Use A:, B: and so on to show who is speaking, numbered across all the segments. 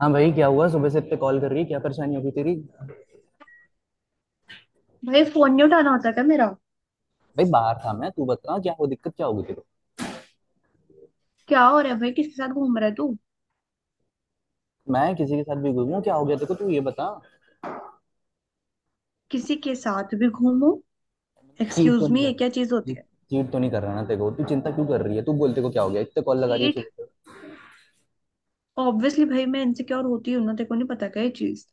A: हाँ भाई, क्या हुआ? सुबह से इतने कॉल कर रही है, क्या परेशानी होगी तेरी?
B: भाई फोन नहीं उठाना होता क्या मेरा।
A: भाई, बाहर था मैं। तू बता, क्या हो? दिक्कत क्या होगी तेरे
B: क्या हो रहा है भाई? किसके साथ घूम रहा है तू?
A: को? मैं किसी के साथ भी घूमूं, क्या हो गया तेरे को? तू ये बता।
B: किसी के साथ भी घूमो?
A: चीट तो
B: एक्सक्यूज
A: नहीं
B: मी,
A: कर
B: ये क्या चीज होती
A: रही।
B: है?
A: चीट तो नहीं कर रहा ना तेरे को। तू चिंता क्यों कर रही है? तू बोलते को क्या हो गया, इतने कॉल लगा रही है
B: चीट?
A: सुबह से।
B: ऑब्वियसली भाई, मैं इनसिक्योर होती हूँ ना, तेरे को नहीं पता क्या ये चीज?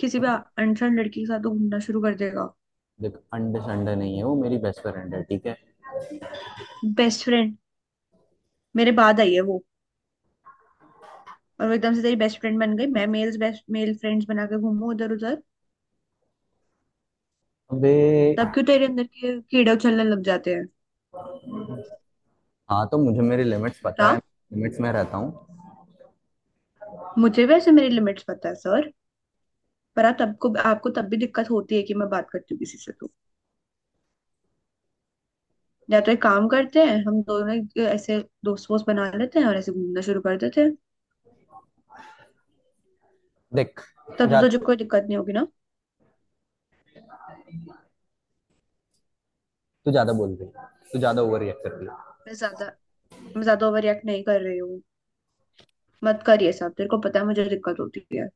B: किसी भी
A: अब
B: अनसन लड़की के साथ तो घूमना शुरू कर देगा।
A: देख, अंडे संडे नहीं है, वो मेरी बेस्ट फ्रेंड है, ठीक है।
B: Best friend? मेरे बाद आई है वो। और वो एकदम से तेरी बेस्ट फ्रेंड बन गई? मैं मेल्स बेस्ट मेल फ्रेंड्स बना के घूमू उधर उधर?
A: अबे।
B: तब क्यों तेरे अंदर के कीड़े उछलने लग जाते हैं?
A: हाँ, तो मुझे मेरी लिमिट्स पता
B: बता।
A: है, लिमिट्स में रहता हूँ।
B: मुझे वैसे मेरी लिमिट्स पता है सर। पर आप तब को आपको तब भी दिक्कत होती है कि मैं बात करती हूँ किसी से तो। या तो एक काम करते हैं, हम दोनों एक ऐसे दोस्त वोस्त बना लेते हैं और ऐसे घूमना शुरू कर देते हैं।
A: देख,
B: तब तो तुझे
A: ज्यादा,
B: कोई दिक्कत नहीं होगी ना?
A: तू ज्यादा बोल रही है। तू ज्यादा ओवर रिएक्ट कर रही है।
B: मैं ज्यादा मैं ज्यादा ओवर रिएक्ट नहीं कर रही हूँ। मत कर ये सब, तेरे को पता है मुझे दिक्कत होती है।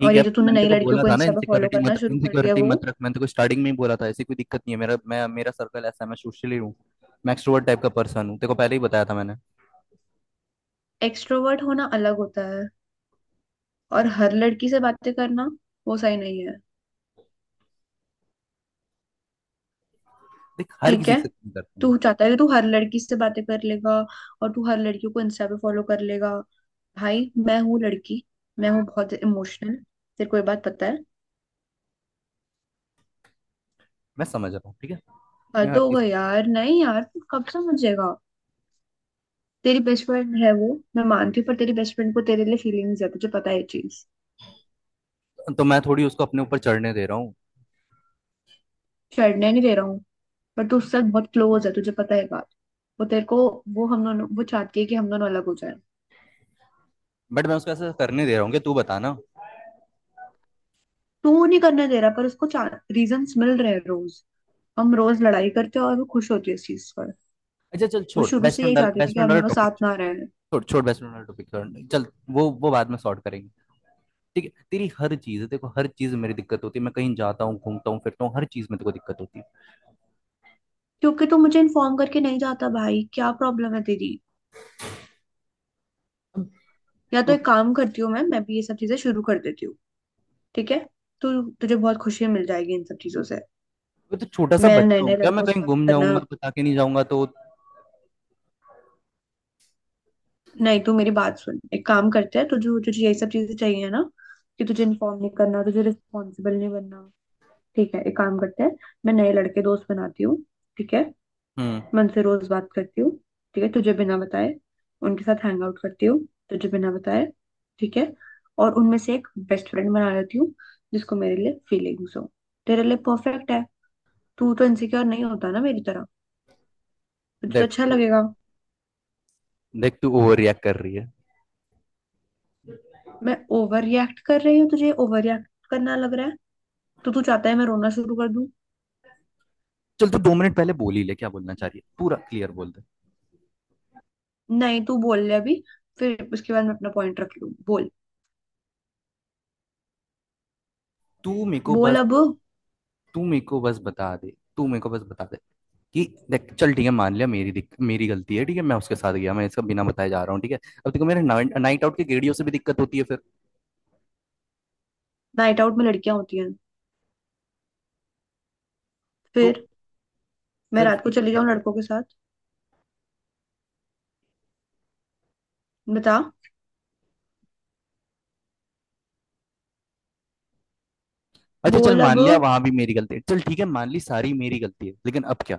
A: ठीक
B: और
A: है,
B: ये जो
A: पर
B: तूने
A: मैंने
B: नई
A: तो
B: लड़कियों
A: बोला
B: को
A: था ना,
B: इंस्टा पे फॉलो करना शुरू कर दिया
A: इनसिक्योरिटी मत
B: वो?
A: रख। मैंने तो स्टार्टिंग में ही बोला था, ऐसी कोई दिक्कत नहीं है मेरा। मैं मेरा सर्कल ऐसा है, मैं सोशली हूँ। मैं एक्सट्रोवर्ट टाइप का पर्सन हूँ, तेरे को पहले ही बताया था मैंने।
B: एक्सट्रोवर्ट होना अलग होता है, और हर लड़की से बातें करना वो सही नहीं है।
A: देख, हर
B: ठीक
A: किसी
B: है,
A: से तुम करता हूँ।
B: तू चाहता है कि तू हर लड़की से बातें कर लेगा और तू हर लड़कियों को इंस्टा पे फॉलो कर लेगा? भाई, मैं हूँ लड़की, मैं हूँ बहुत इमोशनल, तेरे को ये बात पता है।
A: मैं समझ रहा हूँ, ठीक है। मैं
B: हद
A: हर
B: हो
A: चीज।
B: गई यार। नहीं यार, तू कब समझेगा? तेरी बेस्ट फ्रेंड है वो, मैं मानती हूँ, पर तेरी बेस्ट फ्रेंड को तेरे लिए फीलिंग्स है, तुझे पता है ये चीज?
A: तो मैं थोड़ी उसको अपने ऊपर चढ़ने दे रहा हूँ।
B: छेड़ने नहीं दे रहा हूँ। पर तू उसके साथ बहुत क्लोज है, तुझे पता है बात। वो तेरे को वो चाहती है कि हम दोनों अलग हो जाए।
A: बट मैं उसको ऐसा करने दे रहा हूँ? कि तू बता ना।
B: तू नहीं करने दे रहा, पर उसको रीजंस मिल रहे हैं रोज। हम रोज लड़ाई करते हैं और वो खुश होती है इस चीज पर।
A: अच्छा, चल,
B: वो
A: छोड़।
B: शुरू से यही चाहती थी
A: बेस्ट
B: कि
A: फ्रेंड
B: हम
A: वाला
B: दोनों
A: टॉपिक
B: साथ
A: छोड़।
B: ना रहें।
A: छोड़ छोड़, बेस्ट फ्रेंड वाला टॉपिक छोड़। चल, वो बाद में सॉर्ट करेंगे। ठीक है, तेरी हर चीज, देखो, हर चीज में मेरी दिक्कत होती है। मैं कहीं जाता हूँ, घूमता हूँ, फिरता हूँ, हर चीज में तेरे को दिक्कत होती
B: क्योंकि तू मुझे इन्फॉर्म करके नहीं जाता भाई, क्या प्रॉब्लम है तेरी? या तो
A: है।
B: एक काम करती हूँ, मैं भी ये सब चीजें शुरू कर देती हूँ। ठीक है, तो तुझे बहुत खुशी मिल जाएगी इन सब चीजों से।
A: मैं तो छोटा सा
B: मेरे नए
A: बच्चा हूँ
B: नए
A: क्या? मैं
B: लड़कों से
A: कहीं
B: बात
A: गुम
B: करना।
A: जाऊंगा, बता के नहीं जाऊंगा तो?
B: नहीं, तू मेरी बात सुन, एक काम करते हैं, तुझे तुझे यही सब चीजें चाहिए ना, कि तुझे इन्फॉर्म नहीं करना, तुझे रिस्पॉन्सिबल नहीं बनना। ठीक है, एक काम करते हैं, मैं नए लड़के दोस्त बनाती हूँ। ठीक है।
A: हम्म।
B: मैं उनसे रोज बात करती हूँ। ठीक है, तुझे बिना बताए उनके साथ हैंग आउट करती हूँ, तुझे बिना बताए। ठीक है। और उनमें से एक बेस्ट फ्रेंड बना लेती हूँ जिसको मेरे लिए फीलिंग्स हो। तेरे लिए परफेक्ट है, तू तो इनसिक्योर नहीं होता ना मेरी तरह, तुझे तो
A: देख
B: अच्छा
A: तू
B: लगेगा।
A: देख, तू ओवर रिएक्ट कर रही है।
B: मैं ओवर रिएक्ट कर रही हूँ? तुझे ओवर रिएक्ट करना लग रहा है? तो तू चाहता है मैं रोना शुरू कर दूं?
A: चल, तू 2 मिनट पहले बोल ही ले, क्या बोलना चाह रही है? पूरा क्लियर बोल दे।
B: नहीं, तू बोल ले अभी, फिर उसके बाद मैं अपना पॉइंट रख लूं, बोल।
A: तू मेरे को
B: बोल
A: बस
B: अब।
A: तू मेरे को बस बता दे तू मेरे को बस बता दे कि, देख, चल, ठीक है, मान लिया, मेरी गलती है, ठीक है। मैं उसके साथ गया, मैं इसका बिना बताए जा रहा हूँ, ठीक है। अब देखो, मेरे नाइट आउट के गेड़ियों से भी दिक्कत होती है फिर?
B: नाइट आउट में लड़कियां होती हैं
A: तो
B: फिर? मैं
A: सिर्फ
B: रात को
A: एक
B: चली जाऊं
A: लड़की।
B: लड़कों के साथ? बता।
A: अच्छा, चल,
B: बोल
A: मान
B: अब।
A: लिया, वहां भी मेरी गलती है। चल ठीक है, मान ली सारी मेरी गलती है, लेकिन अब क्या?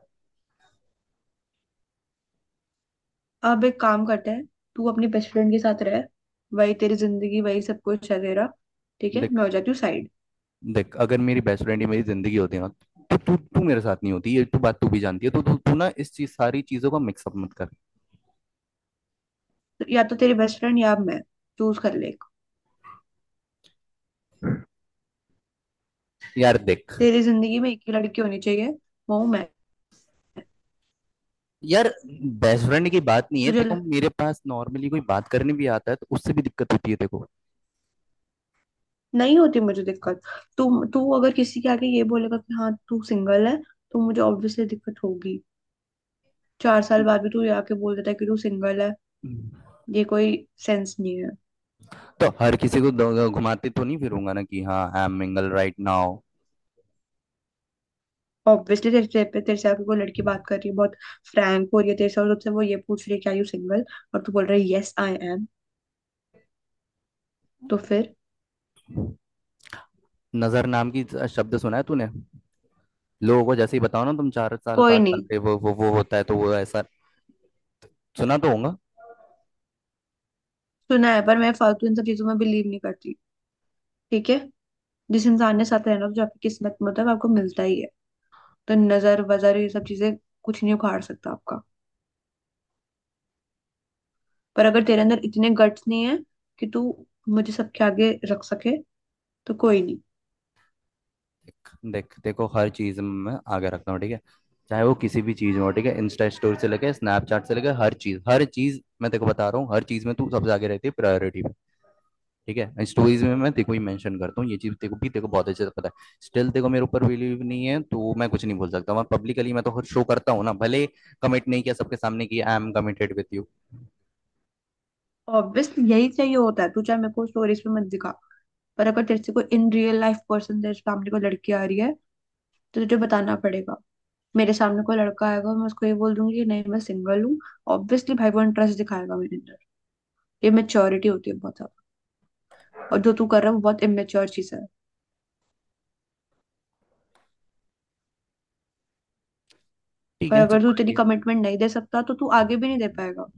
B: अब एक काम करते हैं, तू अपनी बेस्ट फ्रेंड के साथ रह, वही तेरी जिंदगी, वही सब कुछ है तेरा। ठीक है,
A: देख
B: मैं हो जाती हूँ साइड।
A: देख, अगर मेरी बेस्ट फ्रेंड ही मेरी जिंदगी होती है ना, तो तू तू मेरे साथ नहीं होती, ये तू बात तू भी जानती है। तो तू तू ना, इस चीज, सारी चीजों का मिक्सअप मत कर।
B: या तो तेरी बेस्ट फ्रेंड या मैं, चूज कर ले।
A: यार, देख।
B: तेरी जिंदगी में एक ही लड़की होनी चाहिए, वो हूं मैं।
A: यार, बेस्ट फ्रेंड की बात नहीं है।
B: तुझे
A: देखो, मेरे पास नॉर्मली कोई बात करने भी आता है तो उससे भी दिक्कत होती है, देखो।
B: नहीं होती, मुझे दिक्कत। तू तू अगर किसी के आगे ये बोलेगा कि हाँ तू सिंगल है, तो मुझे ऑब्वियसली दिक्कत होगी। 4 साल बाद भी तू ये आके बोल देता है कि तू सिंगल है, ये कोई सेंस नहीं है।
A: तो हर किसी को घुमाते तो नहीं फिरूंगा ना कि हाँ, I am mingle right now.
B: Obviously तेरे तेरे पे तेरे से आके कोई लड़की बात कर रही है, बहुत फ्रैंक हो रही है तेरे से, और तुझसे वो ये पूछ रही है क्या यू सिंगल, और तू बोल रहा है यस आई एम, तो फिर?
A: नजर नाम की शब्द सुना है तूने? लोगों को जैसे ही बताओ ना, तुम 4 साल
B: कोई
A: 5 साल
B: नहीं।
A: के, वो होता है तो वो ऐसा, सुना तो होगा।
B: सुना है, पर मैं फालतू इन सब चीजों में बिलीव नहीं करती। ठीक है। जिस इंसान ने साथ रहना, तो जो आपकी किस्मत में होता है वो आपको मिलता ही है। तो नजर वजर ये सब चीजें कुछ नहीं उखाड़ सकता आपका। पर अगर तेरे अंदर इतने गट्स नहीं है कि तू मुझे सबके आगे रख सके, तो कोई नहीं।
A: देख देख देखो, हर चीज में आगे रखता हूँ, ठीक है। चाहे वो किसी भी चीज में हो, ठीक है। इंस्टा स्टोरी से लेके स्नैपचैट से लेके हर चीज, हर चीज, मैं तेको बता रहा हूँ, हर चीज में तू सबसे आगे रहती है प्रायोरिटी में। ठीक है, स्टोरीज में मैं तेको ही मेंशन करता हूँ, ये चीज तेको बहुत अच्छे से पता है। स्टिल तेको मेरे ऊपर बिलीव नहीं है, तो मैं कुछ नहीं बोल सकता। मैं पब्लिकली, मैं तो शो करता हूँ ना, भले कमिट नहीं किया सबके सामने कि I am committed with you.
B: Obviously यही चाहिए होता है, तू चाहे मेरे को स्टोरीज पे मत दिखा, पर अगर तेरे से कोई इन रियल लाइफ पर्सन तेरे सामने कोई लड़की आ रही है, तो तुझे बताना पड़ेगा। मेरे सामने कोई लड़का आएगा, मैं उसको ये बोल दूंगी कि नहीं मैं सिंगल हूँ? ऑब्वियसली भाई वो इंटरेस्ट दिखाएगा मेरे अंदर। ये मेच्योरिटी होती है बहुत ज्यादा, और जो तू कर रहा है वो बहुत इमेच्योर चीज है।
A: ठीक
B: और
A: है, चल,
B: अगर तू
A: मान
B: इतनी
A: लिया।
B: कमिटमेंट नहीं दे सकता, तो तू आगे भी नहीं दे पाएगा।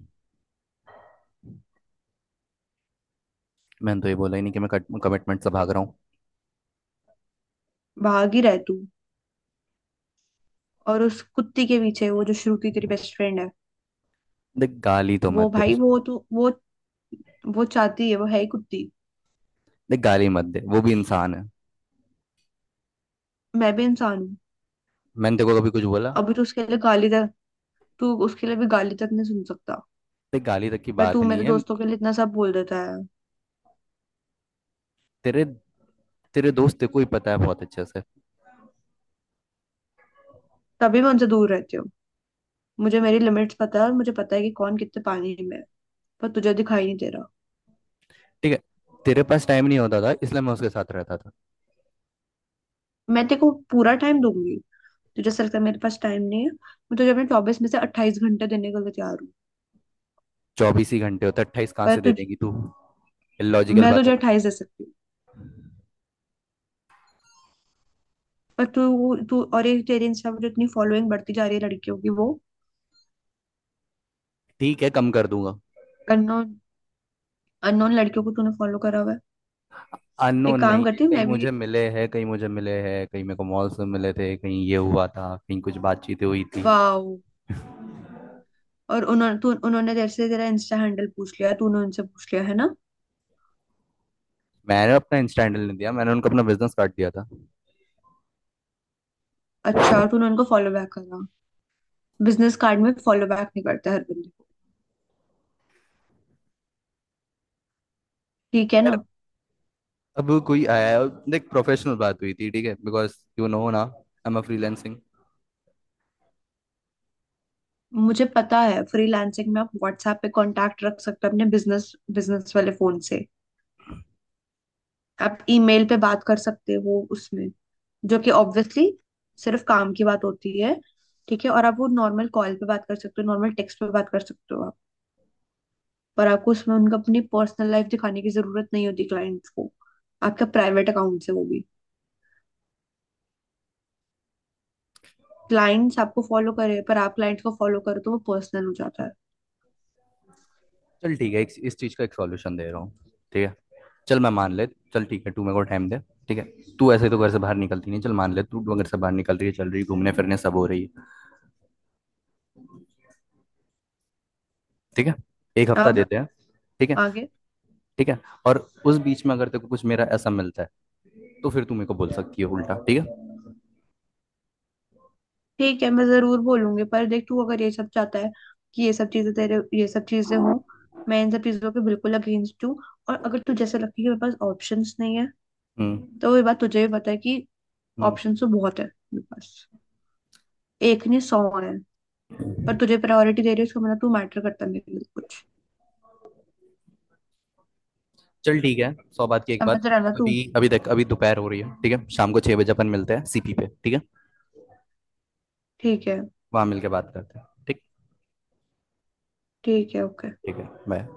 A: मैंने तो ये बोला ही नहीं कि मैं कमिटमेंट से भाग रहा हूँ।
B: भाग ही रहे तू। और उस कुत्ती के पीछे, वो जो श्रुति तेरी बेस्ट फ्रेंड है,
A: देख, गाली तो
B: वो
A: मत दे
B: भाई
A: उसको।
B: वो तो वो चाहती है, वो है ही कुत्ती।
A: देख, गाली मत दे, वो भी इंसान है।
B: मैं भी इंसान हूँ।
A: मैंने तेरे को कभी कुछ बोला?
B: अभी तो उसके लिए गाली तक, तू उसके लिए भी गाली तक नहीं सुन सकता।
A: ते गाली तक की
B: पर तू
A: बात नहीं
B: मेरे
A: है।
B: दोस्तों के लिए इतना सब बोल देता है।
A: तेरे तेरे दोस्त तेरे को ही पता है बहुत अच्छे से।
B: तभी मैं उनसे दूर रहती हूँ। मुझे मेरी लिमिट्स पता है, और मुझे पता है कि कौन कितने पानी में है, पर तुझे दिखाई नहीं दे रहा।
A: ठीक है, तेरे पास टाइम नहीं होता था, इसलिए मैं उसके साथ रहता था।
B: मैं तेरे को पूरा टाइम दूंगी। तुझे ऐसा लगता है मेरे पास टाइम नहीं है? मैं तुझे अपने 24 में से 28 घंटे देने के लिए तैयार हूँ।
A: 24 ही घंटे होते, 28 कहाँ
B: पर
A: से दे
B: तुझ
A: देगी तू? लॉजिकल
B: मैं
A: बातें
B: तुझे
A: मत।
B: 28 दे सकती हूँ। पर तू तू और ये तेरे इंस्टा पर जो इतनी फॉलोइंग बढ़ती जा रही है लड़कियों की, वो
A: ठीक है, कम कर दूंगा।
B: अननोन अननोन लड़कियों को तूने फॉलो करा हुआ है। एक
A: अननोन
B: काम
A: नहीं है,
B: करती हूँ
A: कहीं
B: मैं भी।
A: मुझे मिले हैं, कहीं मुझे मिले हैं, कहीं मेरे को मॉल से मिले थे, कहीं ये हुआ था, कहीं कुछ बातचीतें हुई थी।
B: वाओ। और उन्होंने तेरे से तेरा इंस्टा हैंडल पूछ लिया, तूने उनसे पूछ लिया है ना?
A: मैंने अपना इंस्टा हैंडल नहीं दिया, मैंने उनको अपना बिजनेस कार्ड दिया था।
B: अच्छा, और तूने उनको फॉलो बैक करा? बिजनेस कार्ड में फॉलो बैक नहीं करता हर बंदे को, ठीक है
A: यार,
B: ना?
A: अब कोई आया है, देख, प्रोफेशनल बात हुई थी, ठीक है, बिकॉज यू नो ना, आई एम अ फ्रीलैंसिंग।
B: मुझे पता है फ्रीलांसिंग में आप व्हाट्सएप पे कांटेक्ट रख सकते हो, अपने बिजनेस बिजनेस वाले फोन से। आप ईमेल पे बात कर सकते हो उसमें, जो कि ऑब्वियसली सिर्फ काम की बात होती है। ठीक है, और आप वो नॉर्मल कॉल पे बात कर सकते हो, नॉर्मल टेक्स्ट पे बात कर सकते हो आप। पर आपको उसमें उनका अपनी पर्सनल लाइफ दिखाने की जरूरत नहीं होती क्लाइंट्स को। आपका प्राइवेट अकाउंट है वो भी, क्लाइंट्स आपको फॉलो करे पर आप क्लाइंट्स को फॉलो करो तो वो पर्सनल हो जाता है।
A: चल ठीक है, एक, इस चीज का एक सॉल्यूशन दे रहा हूँ, ठीक है। चल, मैं मान ले। चल ठीक है, तू मेरे को टाइम दे, ठीक है। तू ऐसे तो घर से बाहर निकलती नहीं, चल मान ले तू घर से बाहर निकल रही है, चल रही है घूमने फिरने, सब हो रही है, ठीक है। एक हफ्ता
B: अब
A: देते हैं, ठीक है।
B: आगे?
A: ठीक है, और उस बीच में अगर तेरे को कुछ मेरा ऐसा मिलता है, तो फिर तू मेरे को बोल सकती है उल्टा, ठीक है।
B: ठीक है मैं जरूर बोलूंगी, पर देख तू अगर ये सब चाहता है कि ये सब चीजें, तेरे ये सब चीजें हों, मैं इन सब चीजों के बिल्कुल अगेंस्ट हूँ। और अगर तुझे ऐसा लगता है कि मेरे पास ऑप्शंस नहीं है,
A: हम्म।
B: तो ये बात तुझे भी पता है कि
A: हम्म।
B: ऑप्शंस तो बहुत है मेरे पास, एक नहीं 100 है। पर तुझे प्रायोरिटी दे रही है, उसका मतलब तू मैटर करता नहीं है कुछ,
A: चल ठीक है, सौ बात की एक बात।
B: समझ रहा है ना
A: अभी
B: तू?
A: अभी देख, अभी दोपहर हो रही है, ठीक है, शाम को 6 बजे अपन मिलते हैं सीपी पे, ठीक है।
B: ठीक है।
A: वहां मिलके बात करते हैं, ठीक।
B: ठीक है, ओके।
A: ठीक है, बाय।